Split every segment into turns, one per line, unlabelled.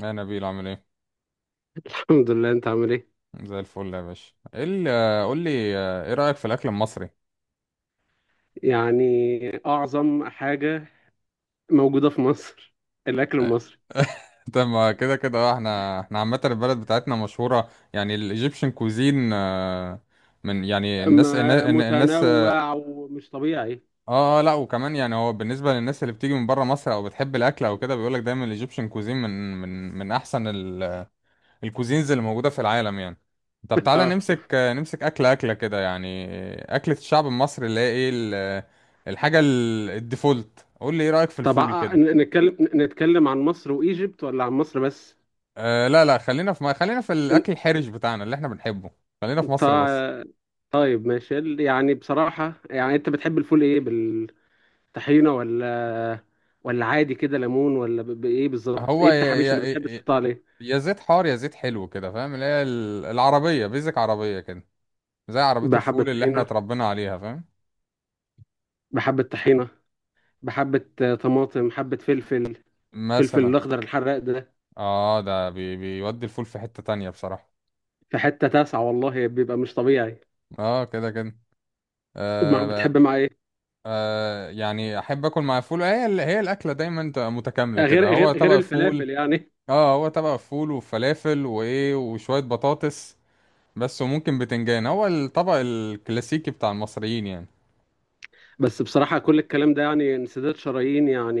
يا نبيل عامل ايه؟
الحمد لله، انت عامل ايه؟
زي الفل يا باشا. ايه ال- آه، قول لي، ايه رأيك في الاكل المصري؟
يعني اعظم حاجة موجودة في مصر الاكل
آه،
المصري.
طب ما كده كده، احنا عامة البلد بتاعتنا مشهورة يعني الايجيبشن كوزين. من يعني
ما
الناس.
متنوع ومش طبيعي.
لا وكمان يعني هو بالنسبة للناس اللي بتيجي من بره مصر او بتحب الاكل او كده، بيقولك دايما الايجيبشن كوزين من من احسن الكوزينز اللي موجودة في العالم يعني. طب تعالى
اه.
نمسك أكلة كده يعني. أكلة الشعب المصري اللي هي إيه الحاجة الديفولت. قول لي إيه رأيك في
طب،
الفول كده؟
نتكلم عن مصر وايجيبت ولا عن مصر بس؟
أه لا خلينا في ما خلينا في
ال-
الأكل الحرج بتاعنا اللي إحنا بنحبه. خلينا في مصر بس.
طا- طيب ماشي. يعني بصراحة، يعني انت بتحب الفول ايه، بالطحينة ولا ولا عادي كده، ليمون ولا بايه بالظبط؟
هو
ايه التحابيش اللي بتحب تحطها عليه؟
يا زيت حار يا زيت حلو كده، فاهم؟ اللي هي العربية بيزك، عربية كده، زي عربية
بحبة
الفول اللي إحنا
طحينة.
اتربينا عليها، فاهم؟
بحبة طحينة. بحبة طماطم، حبة فلفل، فلفل
مثلا،
الأخضر الحراق ده.
ده بي بيودي الفول في حتة تانية بصراحة.
في حتة تاسعة والله، بيبقى مش طبيعي.
آه كده كده. آه
بتحب مع إيه؟
يعني احب اكل مع فول. هي هي الاكله دايما تبقى متكامله
آه، غير
كده. هو
غير غير
طبق فول،
الفلافل يعني.
اه، هو طبق فول وفلافل وايه وشويه بطاطس بس، وممكن بتنجان. هو الطبق الكلاسيكي بتاع المصريين يعني.
بس بصراحة كل الكلام ده يعني انسداد شرايين، يعني،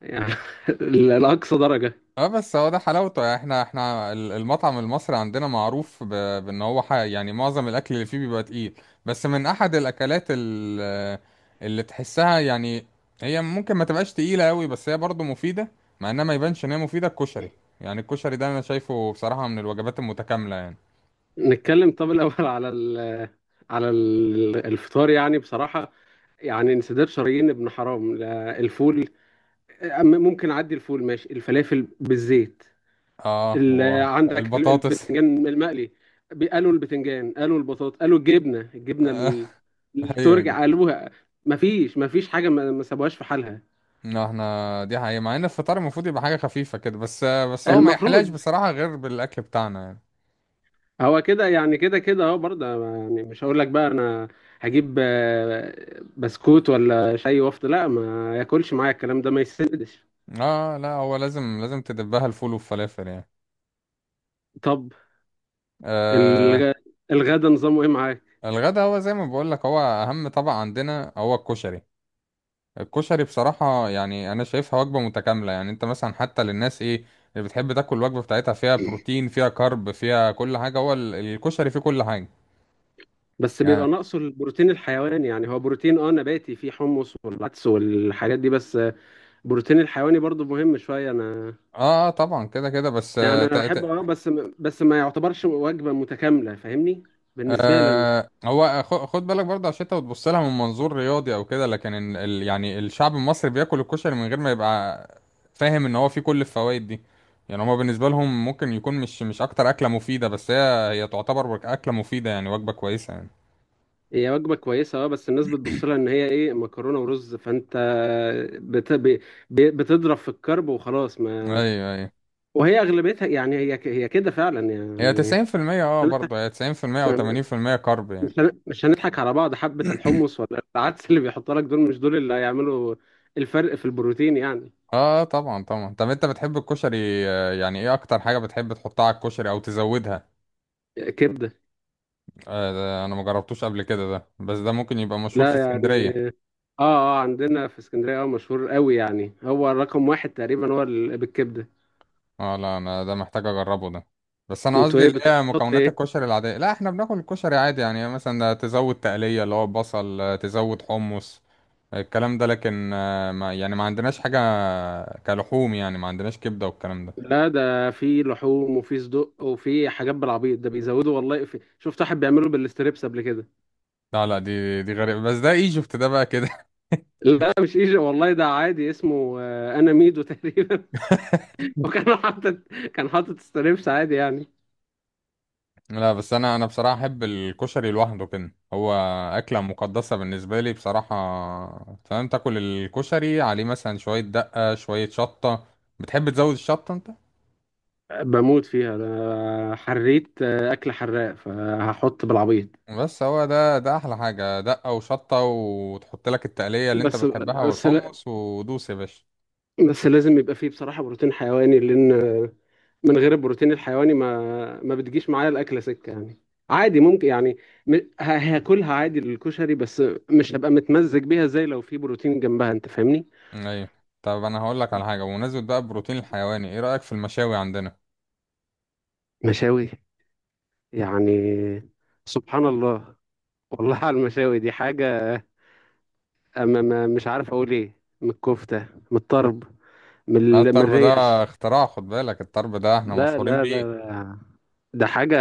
يعني لأقصى درجة.
اه بس هو ده حلاوته يعني. احنا المطعم المصري عندنا معروف بان يعني معظم الاكل اللي فيه بيبقى تقيل. بس من احد الاكلات اللي تحسها يعني هي ممكن ما تبقاش تقيلة قوي بس هي برضه مفيدة، مع انها ما يبانش ان هي مفيدة، الكشري يعني. الكشري ده انا شايفه بصراحة من الوجبات المتكاملة يعني.
نتكلم. طب الأول على الفطار يعني بصراحة، يعني انسداد شرايين ابن حرام، لا، الفول. ممكن أعدي الفول، ماشي، الفلافل بالزيت.
اه
عندك
والبطاطس.
البتنجان المقلي. قالوا البتنجان، قالوا البطاطا، قالوا الجبنه التركي
ايوه.
قالوها. مفيش حاجه ما سابوهاش في حالها.
لا، احنا دي حقيقة. مع ان الفطار المفروض يبقى حاجة خفيفة كده، بس هو ما يحلاش
المفروض
بصراحة غير بالاكل بتاعنا يعني.
هو كده يعني، كده كده اهو برضه. يعني مش هقول لك بقى، انا هجيب بسكوت ولا شاي وافطر، لا، ما ياكلش معايا، الكلام ده ما يسندش.
اه لا، هو لازم تدبها الفول والفلافل يعني.
طب،
آه.
الغ... الغدا نظامه ايه معاك؟
الغدا هو زي ما بقول لك، هو اهم طبق عندنا هو الكشري. الكشري بصراحة يعني انا شايفها وجبة متكاملة يعني. انت مثلا حتى للناس ايه اللي بتحب تاكل الوجبة بتاعتها فيها بروتين فيها كارب فيها كل حاجة، هو الكشري فيه كل حاجة
بس بيبقى
يعني.
ناقصه البروتين الحيواني، يعني هو بروتين اه نباتي، فيه حمص والعدس والحاجات دي بس. البروتين الحيواني برضو مهم شوية أنا.
اه طبعا كده كده بس.
يعني أنا بحب، أه، بس بس ما يعتبرش وجبة متكاملة، فاهمني؟ بالنسبة لي أنا.
آه هو خد بالك برضه، عشان انت بتبص لها من منظور رياضي او كده، لكن ال ال يعني الشعب المصري بياكل الكشري من غير ما يبقى فاهم ان هو فيه كل الفوائد دي. يعني هما بالنسبه لهم ممكن يكون مش اكتر اكله مفيده، بس هي تعتبر اكله مفيده يعني، وجبه كويسه يعني.
هي وجبة كويسة أه، بس الناس بتبص لها إن هي إيه، مكرونة ورز، فأنت بت... ب... بتضرب في الكرب وخلاص، ما
ايوه.
وهي أغلبيتها يعني، هي كده فعلا
هي
يعني. مش
90%. اه
هنضحك
برضه هي 90% او 80% كارب يعني.
مش هنضحك على بعض، حبة الحمص ولا العدس اللي بيحطها لك دول، مش دول اللي هيعملوا الفرق في البروتين يعني.
اه طبعا طبعا. طب انت بتحب الكشري، يعني ايه اكتر حاجه بتحب تحطها على الكشري او تزودها؟
كبدة.
آه ده انا ما جربتوش قبل كده ده، بس ده ممكن يبقى مشهور في
لا يعني، اه.
اسكندريه.
اه، عندنا في اسكندريه اه مشهور قوي يعني، هو رقم واحد تقريبا، هو بالكبده.
اه لا، انا ده محتاج اجربه ده، بس انا
انتوا
قصدي
ايه
اللي هي
بتحط
مكونات
ايه؟
الكشري العاديه. لا، احنا بناكل الكشري عادي يعني، مثلا تزود تقليه اللي هو بصل، تزود حمص، الكلام ده. لكن ما يعني ما عندناش حاجه كلحوم يعني، ما عندناش كبده والكلام ده.
لا، ده في لحوم وفي صدق وفي حاجات بالعبيط، ده بيزودوا، والله في، شفت واحد بيعمله بالستريبس قبل كده.
لا لا، دي غريبه، بس ده ايجيبت ده بقى كده.
لا، مش ايجي والله، ده عادي، اسمه انا ميدو تقريبا. وكان حاطط، كان حاطط ستريبس عادي يعني.
لا، بس انا بصراحه احب الكشري لوحده كده، هو اكله مقدسه بالنسبه لي بصراحه، فاهم؟ تاكل الكشري عليه مثلا شويه دقه شويه شطه. بتحب تزود الشطه انت؟
بموت فيها، ده حريت اكل حراق فهحط بالعبيط.
بس هو ده احلى حاجة، دقة وشطة وتحط لك التقلية اللي انت
بس
بتحبها
بس لا-
والحمص، ودوس يا باشا.
بس لازم يبقى فيه بصراحة بروتين حيواني، لأن من غير البروتين الحيواني ما بتجيش معايا الاكله سكه يعني. عادي ممكن يعني، م- هاكلها عادي الكشري بس، مش هبقى متمزج بيها زي لو في بروتين جنبها، انت فاهمني؟
ايوه. طب انا هقول لك على حاجة، بمناسبة بقى البروتين الحيواني، ايه رأيك في المشاوي عندنا؟
مشاوي. يعني سبحان الله، والله على المشاوي دي حاجه. أما ما مش عارف اقول ايه، من الكفته، من الطرب، من
الطرب ده
الريش.
اختراع، خد بالك، الطرب ده احنا
لا
مشهورين
لا
بيه.
لا لا، ده حاجه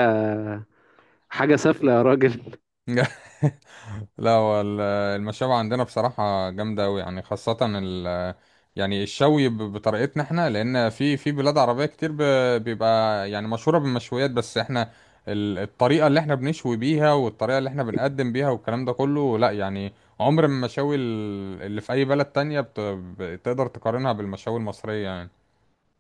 حاجه سافله يا راجل.
لا هو المشاوي عندنا بصراحة جامدة أوي يعني، خاصة ال يعني الشوي بطريقتنا احنا، لأن في بلاد عربية كتير بيبقى يعني مشهورة بالمشويات، بس احنا الطريقة اللي احنا بنشوي بيها، والطريقة اللي احنا بنقدم بيها، والكلام ده كله لا يعني، عمر ما المشاوي اللي في أي بلد تانية بتقدر تقارنها بالمشاوي المصرية يعني.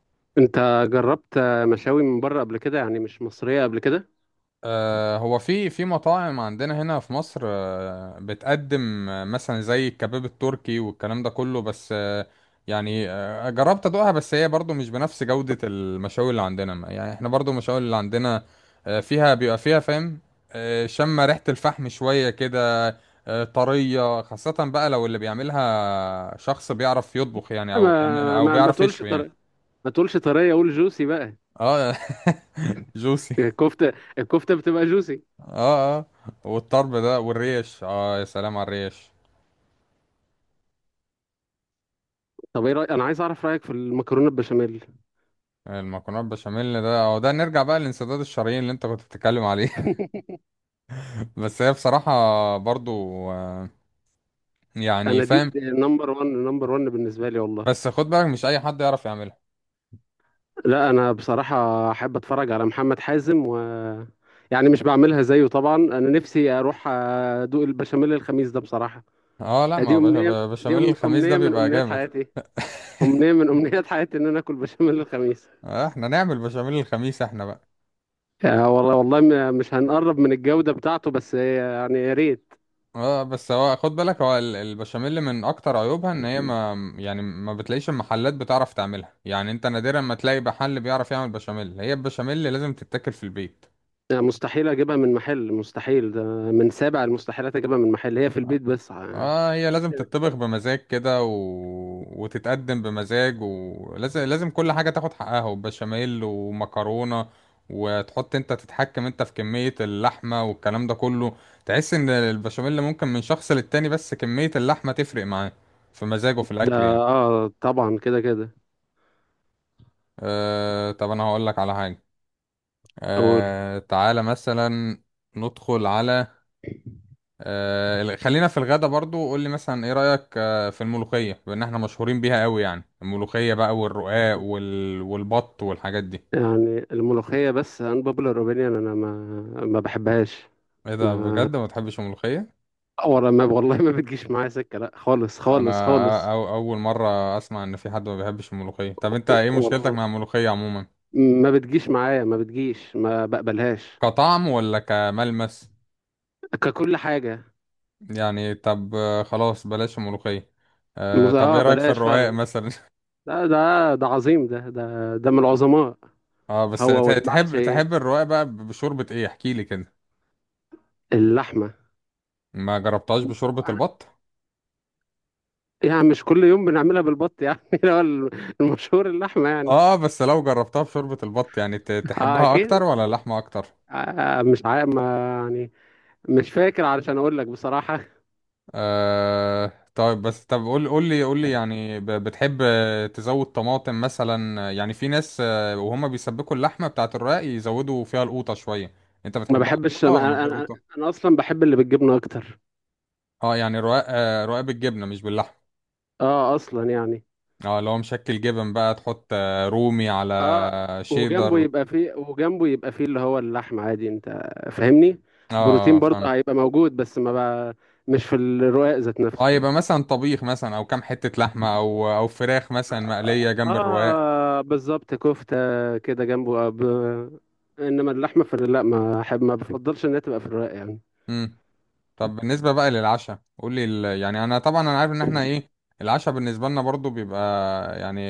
انت جربت مشاوي من بره قبل كده يعني، مش مصريه قبل كده؟
هو في مطاعم عندنا هنا في مصر، بتقدم، مثلا زي الكباب التركي والكلام ده كله، بس يعني جربت ادوقها، بس هي برضو مش بنفس جودة المشاوي اللي عندنا. يعني احنا برضو المشاوي اللي عندنا، فيها بيبقى فيها، فاهم؟ شم ريحة الفحم شوية كده، طرية. خاصة بقى لو اللي بيعملها شخص بيعرف يطبخ يعني،
ما
او
ما ما
بيعرف
تقولش
يشوي يعني.
طري، ما تقولش طريه، قول جوسي بقى.
اه. جوسي.
الكفته الكفته بتبقى جوسي.
اه اه. والطرب ده والريش، اه يا سلام على الريش.
طب ايه انا عايز اعرف رايك في المكرونه البشاميل.
المكرونه البشاميل ده، اه ده نرجع بقى للانسداد الشرايين اللي انت كنت بتتكلم عليه. بس هي بصراحه برضو، آه، يعني
انا
فاهم.
دي نمبر 1 نمبر 1 بالنسبه لي والله.
بس خد بالك، مش اي حد يعرف يعملها.
لا انا بصراحه احب اتفرج على محمد حازم، و، يعني مش بعملها زيه طبعا، انا نفسي اروح ادوق البشاميل الخميس ده بصراحه.
اه لا
دي
ما
امنيه، دي
بشاميل الخميس ده
امنيه من
بيبقى
امنيات
جامد.
حياتي، امنيه من امنيات حياتي ان انا اكل بشاميل الخميس.
آه، احنا نعمل بشاميل الخميس احنا بقى.
آه، والله والله، مش هنقرب من الجوده بتاعته، بس يعني يا ريت.
اه بس هو خد بالك، هو البشاميل من اكتر عيوبها ان هي ما يعني ما بتلاقيش المحلات بتعرف تعملها يعني. انت نادرا ما تلاقي محل بيعرف يعمل بشاميل. هي البشاميل لازم تتاكل في البيت.
لا، مستحيل اجيبها من محل، مستحيل، ده من سابع المستحيلات اجيبها من محل، هي في البيت بس ع-.
اه هي لازم تتطبخ بمزاج كده، و... وتتقدم بمزاج، ولازم كل حاجة تاخد حقها، وبشاميل ومكرونة، وتحط، انت تتحكم انت في كمية اللحمة والكلام ده كله. تحس ان البشاميل ممكن من شخص للتاني، بس كمية اللحمة تفرق معاه في مزاجه في
ده
الاكل يعني.
اه طبعا، كده كده.
آه. طب انا هقولك على حاجة،
اقول.
آه تعالى مثلا ندخل على، خلينا في الغدا برضو. قول لي مثلا ايه رأيك في الملوخية، بان احنا مشهورين بيها قوي يعني، الملوخية بقى والرقاق والبط والحاجات دي؟
يعني الملوخية، بس ان بوبولار اوبينيون، انا ما بحبهاش.
ايه ده
ما
بجد، ما بتحبش الملوخية؟
ولا ما والله، ما بتجيش معايا سكة لا، خالص
انا
خالص خالص.
اول مرة اسمع ان في حد ما بيحبش الملوخية. طب انت ايه مشكلتك
والله
مع الملوخية عموما،
ما بتجيش معايا، ما بتجيش، ما بقبلهاش.
كطعم ولا كملمس؟
ككل حاجة.
يعني طب، خلاص بلاش الملوخية. أه طب
اه
ايه رأيك في
بلاش
الرقاق
فعلا.
مثلا؟
ده عظيم، ده من العظماء.
اه بس
هو والمحشي،
تحب الرقاق بقى بشوربة ايه؟ احكي لي كده.
اللحمة
ما جربتهاش بشوربة البط؟
يعني. مش كل يوم بنعملها بالبط يعني. اللي هو المشهور اللحمة يعني.
اه بس لو جربتها بشوربة البط يعني،
اه
تحبها اكتر
اكيد.
ولا اللحمة اكتر؟
آه آه، مش عارف، ما يعني، مش فاكر علشان اقول لك بصراحة.
آه طيب، بس طب قول لي يعني، بتحب تزود طماطم مثلا؟ يعني في ناس، وهم بيسبكوا اللحمة بتاعة الرقاق يزودوا فيها القوطة شوية، انت
ما
بتحبها
بحبش،
قوطة ولا
ما
من
انا
غير
انا
قوطة؟
أنا اصلا بحب اللي بالجبنة اكتر.
اه يعني رقاق، رقاق بالجبنة مش باللحمة.
اه اصلا يعني.
اه لو مشكل جبن بقى، تحط رومي على
اه. وجنبه
شيدر.
يبقى فيه، وجنبه يبقى فيه اللي هو اللحم عادي، انت فاهمني؟ بروتين
اه فاهم.
برضه هيبقى موجود، بس ما بقى مش في الرقاق ذات
اه
نفسه.
يبقى مثلا طبيخ مثلا، او كام حتة لحمة، او فراخ مثلا مقلية جنب الرقاق.
اه بالظبط، كفتة كده جنبه. انما اللحمة في لا، ما احب، ما بفضلش انها تبقى في الرق يعني.
مم. طب بالنسبة بقى للعشاء، قول لي يعني انا طبعا انا عارف ان احنا ايه، العشاء بالنسبة لنا برضو بيبقى يعني،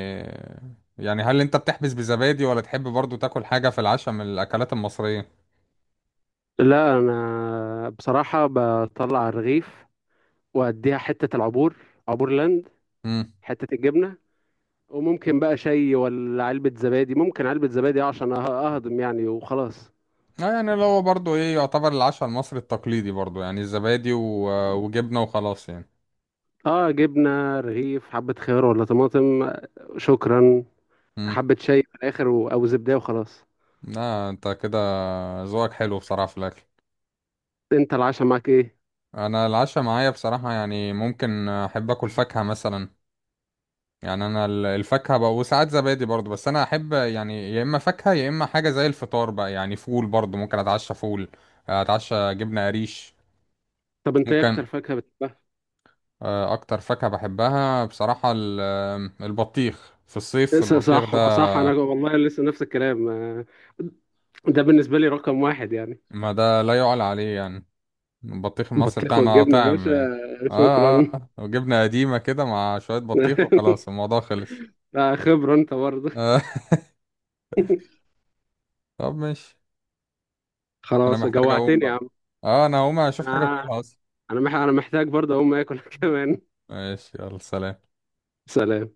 يعني هل انت بتحبس بزبادي ولا تحب برضو تاكل حاجة في العشاء من الاكلات المصرية؟
لا، انا بصراحة بطلع الرغيف، واديها حتة العبور، عبور لاند،
امم.
حتة الجبنة، وممكن بقى شاي ولا علبة زبادي، ممكن علبة زبادي عشان اهضم يعني وخلاص.
آه يعني اللي هو برضو ايه، يعتبر العشاء المصري التقليدي برضو يعني الزبادي وجبنة وخلاص يعني.
اه، جبنة، رغيف، حبة خيار ولا طماطم، شكرا.
امم.
حبة شاي في الاخر، و، او زبدة وخلاص.
لا انت كده ذوقك حلو بصراحة في الاكل.
انت العشاء معاك ايه؟
انا العشاء معايا بصراحة يعني ممكن احب اكل فاكهة مثلا يعني. انا الفاكهه بقى، وساعات زبادي برضو، بس انا احب يعني يا اما فاكهه يا اما حاجه زي الفطار بقى يعني، فول برضو ممكن اتعشى فول، اتعشى جبنه قريش،
طب انت ايه اكتر
ممكن.
فاكهة بتحبها؟
اكتر فاكهه بحبها بصراحه البطيخ. في الصيف البطيخ
صح،
ده
وصح. انا والله لسه نفس الكلام ده بالنسبه لي رقم واحد يعني.
ما ده لا يعلى عليه يعني، البطيخ المصري
بطيخ
بتاعنا
والجبنه يا
طعم
باشا.
يعني. اه
شكرا.
اه آه. وجبنه قديمه كده مع شويه بطيخ وخلاص الموضوع خلص.
لا، خبره انت برضه.
آه. طب ماشي، انا
خلاص
محتاج اقوم
جوعتني يا
بقى.
عم.
اه انا هقوم اشوف حاجه
انا،
اكلها اصلا.
أنا محتاج برضه اقوم اكل كمان.
ماشي يلا سلام.
سلام.